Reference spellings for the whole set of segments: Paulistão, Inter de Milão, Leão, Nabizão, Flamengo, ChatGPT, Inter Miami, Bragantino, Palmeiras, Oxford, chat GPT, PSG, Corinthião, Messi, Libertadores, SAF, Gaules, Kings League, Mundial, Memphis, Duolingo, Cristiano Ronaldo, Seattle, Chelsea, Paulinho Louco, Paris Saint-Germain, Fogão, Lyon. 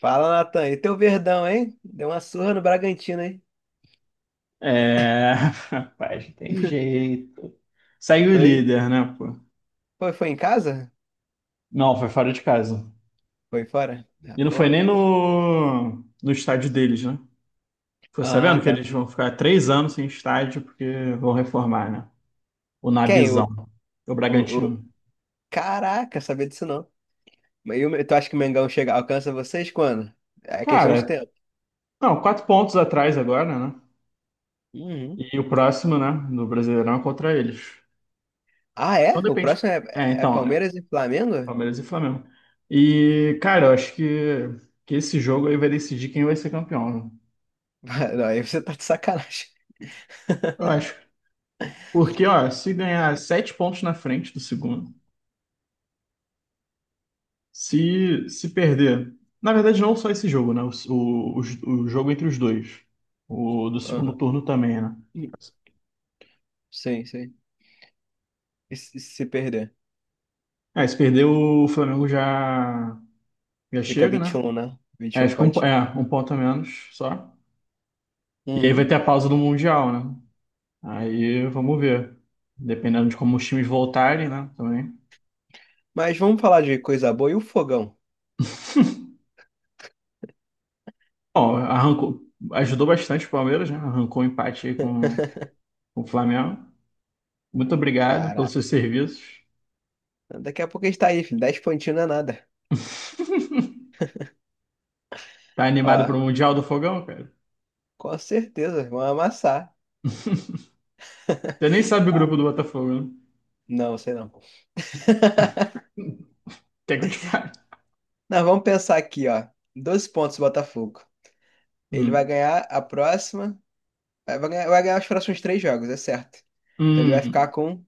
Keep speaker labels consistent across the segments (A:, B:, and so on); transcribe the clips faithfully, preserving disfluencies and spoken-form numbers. A: Fala, Natan. E teu Verdão, hein? Deu uma surra no Bragantino, hein?
B: É, rapaz, não tem jeito. Segue o
A: Dois...
B: líder, né, pô?
A: Foi, foi em casa?
B: Não, foi fora de casa.
A: Foi fora? Tá
B: E não foi
A: boa.
B: nem no, no estádio deles, né? Ficou
A: Ah,
B: sabendo que
A: tá.
B: eles vão ficar três anos sem estádio porque vão reformar, né? O
A: Quem? O,
B: Nabizão, o
A: o, o...
B: Bragantino.
A: Caraca, sabia disso não. Mas e o- tu acha que o Mengão chega, alcança vocês quando? É questão de
B: Cara,
A: tempo.
B: não, quatro pontos atrás agora, né?
A: Uhum.
B: E o próximo, né, do Brasileirão é contra eles.
A: Ah,
B: Então
A: é? O
B: depende.
A: próximo é,
B: É,
A: é
B: então, é
A: Palmeiras e Flamengo?
B: Palmeiras e Flamengo. E, cara, eu acho que, que esse jogo aí vai decidir quem vai ser campeão, né?
A: Não, aí você tá de sacanagem.
B: Eu acho. Porque, ó, se ganhar sete pontos na frente do segundo, se, se perder. Na verdade, não só esse jogo, né? O, o, o jogo entre os dois. O do segundo
A: Aham.
B: turno também, né?
A: Sim, sim. E se se perder?
B: É, se perder, o Flamengo já, já
A: Fica
B: chega,
A: vinte e
B: né?
A: um, né?
B: É,
A: vinte e um
B: fica um, po-
A: pontinhos.
B: é, um ponto a menos só. E aí vai
A: Uhum.
B: ter a pausa do Mundial, né? Aí vamos ver. Dependendo de como os times voltarem, né? Também.
A: Mas vamos falar de coisa boa e o fogão.
B: Bom, arrancou, ajudou bastante o Palmeiras, né? Arrancou o empate aí com, com o Flamengo. Muito obrigado pelos
A: Cara.
B: seus serviços.
A: Daqui a pouco a gente tá aí, filho. dez pontinhos não é nada.
B: Tá
A: Ó,
B: animado pro Mundial do Fogão, cara?
A: com certeza, vão amassar.
B: Você nem sabe o
A: Ó,
B: grupo do Botafogo, né?
A: não, sei não.
B: Quer que eu te fale?
A: Não, vamos pensar aqui, ó. doze pontos o Botafogo. Ele vai
B: Hum.
A: ganhar a próxima. Vai vai ganhar, vai ganhar os próximos três jogos, é certo. Então ele vai ficar
B: Hum.
A: com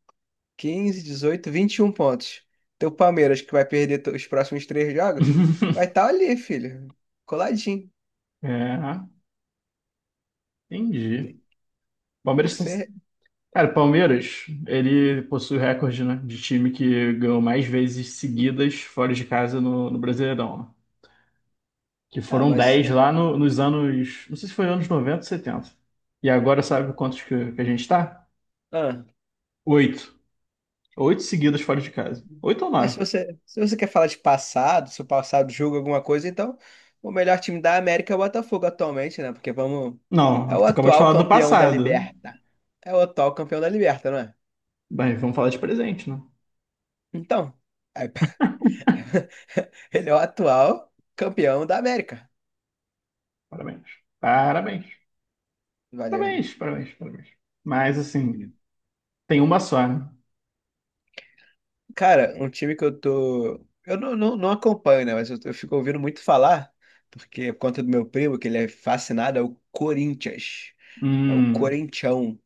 A: quinze, dezoito, vinte e um pontos. Então o Palmeiras, que vai perder to- os próximos três jogos, vai estar ali, filho. Coladinho.
B: É, entendi.
A: Tem, tem
B: Palmeiras.
A: que
B: tá-
A: ser.
B: Cara, Palmeiras, ele possui o recorde, né, de time que ganhou mais vezes seguidas fora de casa no, no Brasileirão, né? Que
A: Ah,
B: foram
A: mas
B: dez
A: se.
B: lá no- nos anos. Não sei se foi anos noventa ou setenta. E agora sabe quantos que, que a gente tá?
A: Ah.
B: Oito. Oito seguidas fora de casa. Oito ou
A: Mas se
B: nove?
A: você, se você quer falar de passado, se o passado julga alguma coisa, então o melhor time da América é o Botafogo atualmente, né? Porque vamos.
B: Não,
A: É o
B: tu acabou de
A: atual
B: falar do
A: campeão da
B: passado, né?
A: Liberta. É o atual campeão da Liberta, não é?
B: Bem, vamos falar de presente, né?
A: Então, é- ele é o atual campeão da América.
B: Parabéns. Parabéns.
A: Valeu, né?
B: Parabéns, parabéns, parabéns. Mas, assim, tem uma só, né?
A: Cara, um time que eu tô. Eu não, não, não acompanho, né? Mas eu, eu fico ouvindo muito falar, porque por conta do meu primo, que ele é fascinado, é o Corinthians. É o
B: Hum,
A: Corinthião.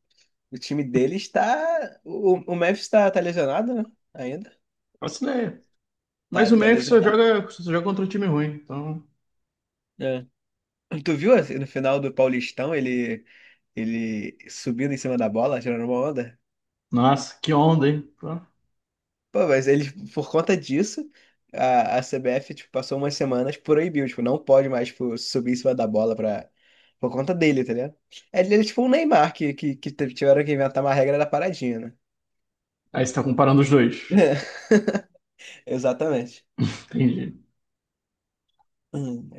A: O time dele está. O, o Memphis está tá tá lesionado, né? Ainda?
B: faço ideia.
A: Tá,
B: Mas o
A: ele tá
B: Memphis só
A: lesionado.
B: joga, só joga contra um time ruim, então.
A: É. Tu viu assim, no final do Paulistão ele, ele subindo em cima da bola, tirando uma onda?
B: Nossa, que onda, hein? Pô.
A: Pô, mas ele, por conta disso, a, a C B F tipo, passou umas semanas proibiu, tipo, não pode mais tipo, subir em cima da bola pra, por conta dele, tá ligado? É, ele é tipo um Neymar que, que, que tiveram que inventar uma regra da paradinha, né?
B: Aí você tá comparando os dois.
A: Exatamente.
B: Entendi.
A: Hum.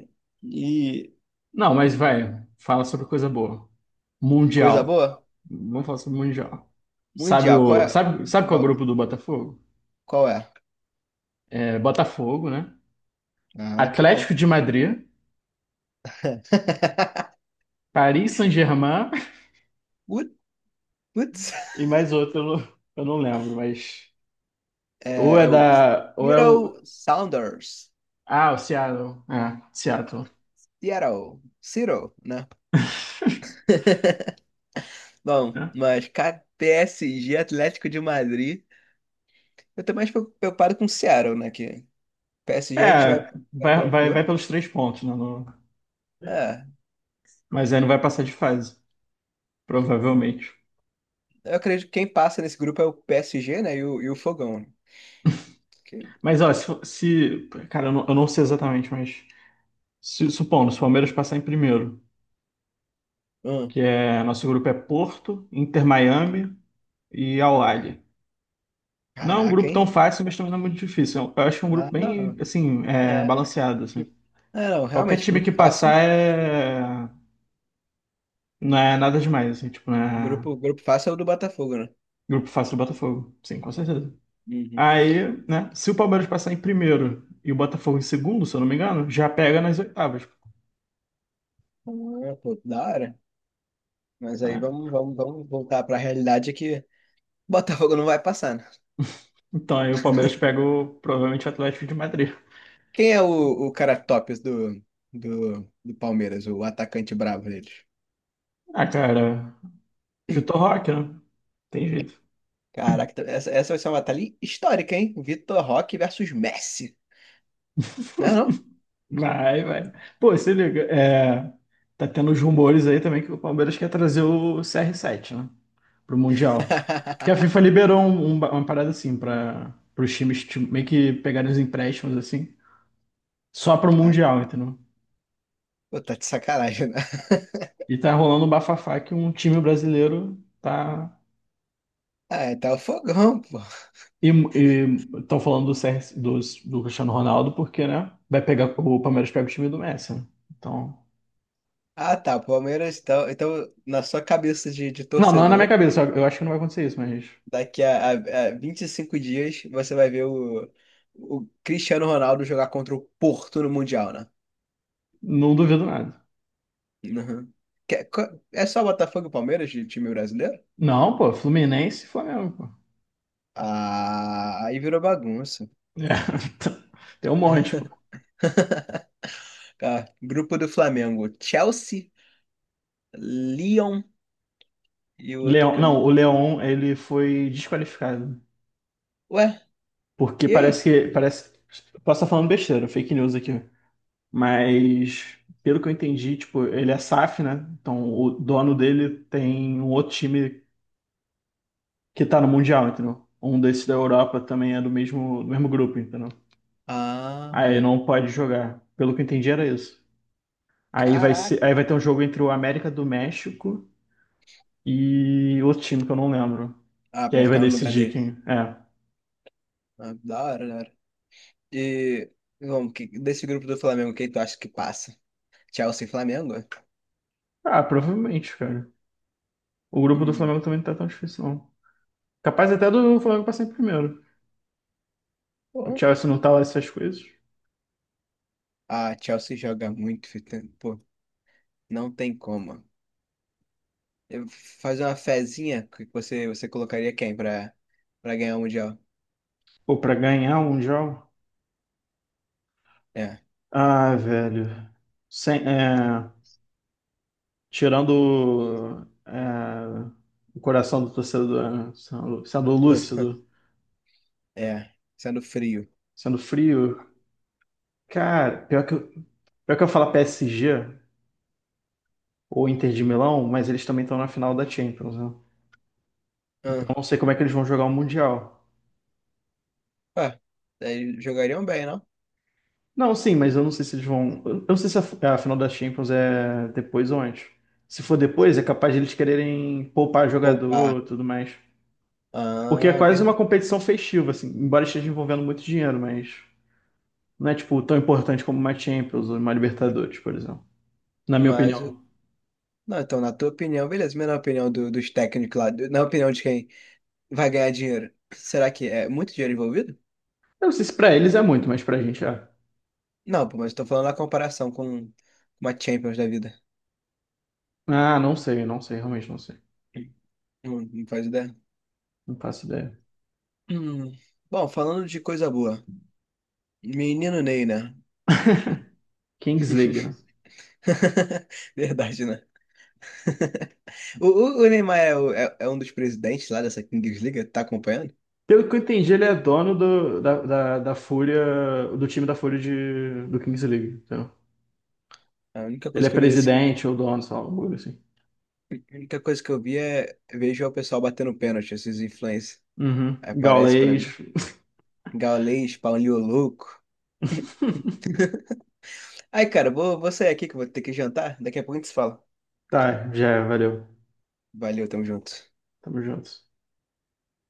A: E
B: Não, mas vai, fala sobre coisa boa.
A: coisa
B: Mundial.
A: boa?
B: Vamos falar sobre Mundial. Sabe
A: Mundial, qual
B: o,
A: é?
B: sabe, sabe
A: Qual é?
B: qual é o
A: o-
B: grupo do Botafogo?
A: Qual é?
B: É Botafogo, né?
A: Ah, que
B: Atlético
A: bom.
B: de Madrid, Paris Saint-Germain
A: Ut- Putz,
B: e mais outro, eu não, eu não lembro, mas. Ou
A: é,
B: é
A: é o
B: da. Ou é o.
A: Seattle Sounders.
B: Ah, o Seattle. É, Seattle.
A: Seattle, Seattle, né? Bom,
B: É,
A: mas cara, P S G Atlético de Madrid. Eu tô mais preocupado com o Seattle, né? Que P S G a gente
B: É,
A: vai, vai
B: vai, vai, vai
A: tranquilo.
B: pelos três pontos, né? não-
A: É,
B: mas aí não vai passar de fase, provavelmente.
A: eu acredito que quem passa nesse grupo é o P S G, né? E o, e o Fogão, né? Que,
B: Mas, ó, se. For- se- cara, eu não, eu não sei exatamente, mas. Se- supondo, se o Palmeiras passar em primeiro,
A: hum,
B: que é. Nosso grupo é Porto, Inter Miami e Al Ahly. Não é um
A: caraca,
B: grupo
A: hein?
B: tão fácil, mas também não é muito difícil. Eu acho que é um grupo
A: Ah,
B: bem,
A: não.
B: assim, é,
A: É.
B: balanceado, assim.
A: É, não,
B: Qualquer
A: realmente,
B: time
A: grupo
B: que
A: fácil.
B: passar é. Não é nada demais, assim, tipo, não é
A: Grupo, grupo fácil é o do Botafogo, né?
B: grupo fácil do Botafogo. Sim, com certeza.
A: Uhum.
B: Aí, né, se o Palmeiras passar em primeiro e o Botafogo em segundo, se eu não me engano, já pega nas oitavas,
A: Ah, pô, da hora. Mas aí
B: né?
A: vamos, vamos, vamos voltar pra realidade que o Botafogo não vai passar, né?
B: Então aí o Palmeiras pega o, provavelmente o Atlético de Madrid.
A: Quem é o, o cara tops do, do, do Palmeiras, o atacante bravo deles?
B: Ah, cara, Vitor Roque, né? Tem jeito.
A: Caraca, essa, essa vai ser uma batalha histórica, hein? Vitor Roque versus Messi. Não é não?
B: Vai, vai. Pô, se liga, é, tá tendo os rumores aí também que o Palmeiras quer trazer o C R sete, né? Pro Mundial. Porque a FIFA liberou um- um- uma parada assim para os times ti- meio que pegarem os empréstimos assim, só pro Mundial, entendeu?
A: Pô, tá de sacanagem, né?
B: E tá rolando um bafafá que um time brasileiro tá.
A: Ah, tá o fogão, pô.
B: E estão falando do, C R dos- do do Cristiano Ronaldo, porque, né? Vai pegar, o Palmeiras pega o time do Messi, né? Então.
A: Ah, tá. O Palmeiras, então, então na sua cabeça de, de
B: Não, não é na minha
A: torcedor.
B: cabeça. Eu acho que não vai acontecer isso, mas
A: Daqui a, a, a vinte e cinco dias você vai ver o, o Cristiano Ronaldo jogar contra o Porto no Mundial, né?
B: não duvido nada.
A: Uhum. Que- co- É só Botafogo e Palmeiras de time brasileiro?
B: Não, pô, Fluminense e Flamengo, pô.
A: Ah, aí virou bagunça.
B: É, tem um monte, pô.
A: Tá, grupo do Flamengo: Chelsea, Lyon e o outro
B: Leão,
A: que eu não.
B: não, o Leão, ele foi desqualificado.
A: Ué,
B: Porque
A: e
B: parece
A: aí?
B: que. Parece. Posso estar falando besteira, fake news aqui. Mas, pelo que eu entendi, tipo, ele é S A F, né? Então o dono dele tem um outro time que tá no Mundial, entendeu? Um desses da Europa também é do mesmo, do mesmo grupo, entendeu? Aí
A: Ah,
B: não pode jogar. Pelo que eu entendi, era isso. Aí vai ser,
A: caraca.
B: aí vai ter um jogo entre o América do México e outro time que eu não lembro.
A: Ah,
B: E
A: pra
B: aí vai
A: ficar no lugar
B: decidir
A: dele.
B: quem. É.
A: Ah, da hora, da hora. E vamos, que- desse grupo do Flamengo, quem tu acha que passa? Chelsea e Flamengo?
B: Ah, provavelmente, cara. O grupo do
A: Hum.
B: Flamengo também não tá tão difícil, não. Capaz até do Flamengo passar em primeiro. O
A: Pô,
B: Chelsea não tá lá essas coisas?
A: a Chelsea joga muito, Fita. Pô, não tem como. Eu fazer uma fezinha que você, você colocaria quem pra, pra ganhar o Mundial?
B: Pô, pra ganhar um Mundial?
A: É.
B: Ah, velho. Sem, é, tirando é, o coração do torcedor, né? sendo, sendo lúcido,
A: É. Sendo frio.
B: sendo frio. Cara, pior que, eu- pior que eu falar P S G ou Inter de Milão, mas eles também estão na final da Champions, né? Então
A: Ah,
B: eu não sei como é que eles vão jogar o Mundial.
A: pá, daí jogariam bem, não?
B: Não, sim, mas eu não sei se eles vão. Eu não sei se a, a final da Champions é depois ou antes. Se for depois, é capaz de eles quererem poupar
A: Poupar.
B: jogador e tudo mais. Porque é
A: Ah,
B: quase uma
A: verdade.
B: competição festiva, assim, embora esteja envolvendo muito dinheiro, mas não é, tipo, tão importante como uma Champions ou uma Libertadores, por exemplo. Na minha
A: Mas,
B: opinião.
A: não, então, na tua opinião, beleza, mas na opinião do- dos técnicos lá, do- na opinião de quem vai ganhar dinheiro, será que é muito dinheiro envolvido?
B: Eu não sei se pra eles é muito, mas pra gente é.
A: Não, pô, mas eu tô falando na comparação com uma Champions da vida.
B: Ah, não sei, não sei, realmente não sei.
A: Não, não faz ideia.
B: Não faço ideia.
A: Hum. Bom, falando de coisa boa, menino Ney, né?
B: Kings League, né?
A: Verdade, né? O, o- o Neymar é, o- é- é um dos presidentes lá dessa Kings League, tá acompanhando?
B: Pelo que eu entendi, ele é dono do, da, da, da Fúria, do time da Fúria de, do Kings League. Entendeu?
A: A única
B: Ele
A: coisa
B: é
A: que eu vi desse,
B: presidente ou dono, sei lá, alguma coisa assim.
A: a única coisa que eu vi é vejo o pessoal batendo pênalti, esses influencers.
B: Uhum.
A: Aí aparece pra
B: Gaulês.
A: mim. Gaules, Paulinho Louco. Ai, cara, vou, vou sair aqui que eu vou ter que jantar. Daqui a pouco a gente se fala.
B: Tá, já, é, valeu.
A: Valeu, tamo junto.
B: Tamo junto.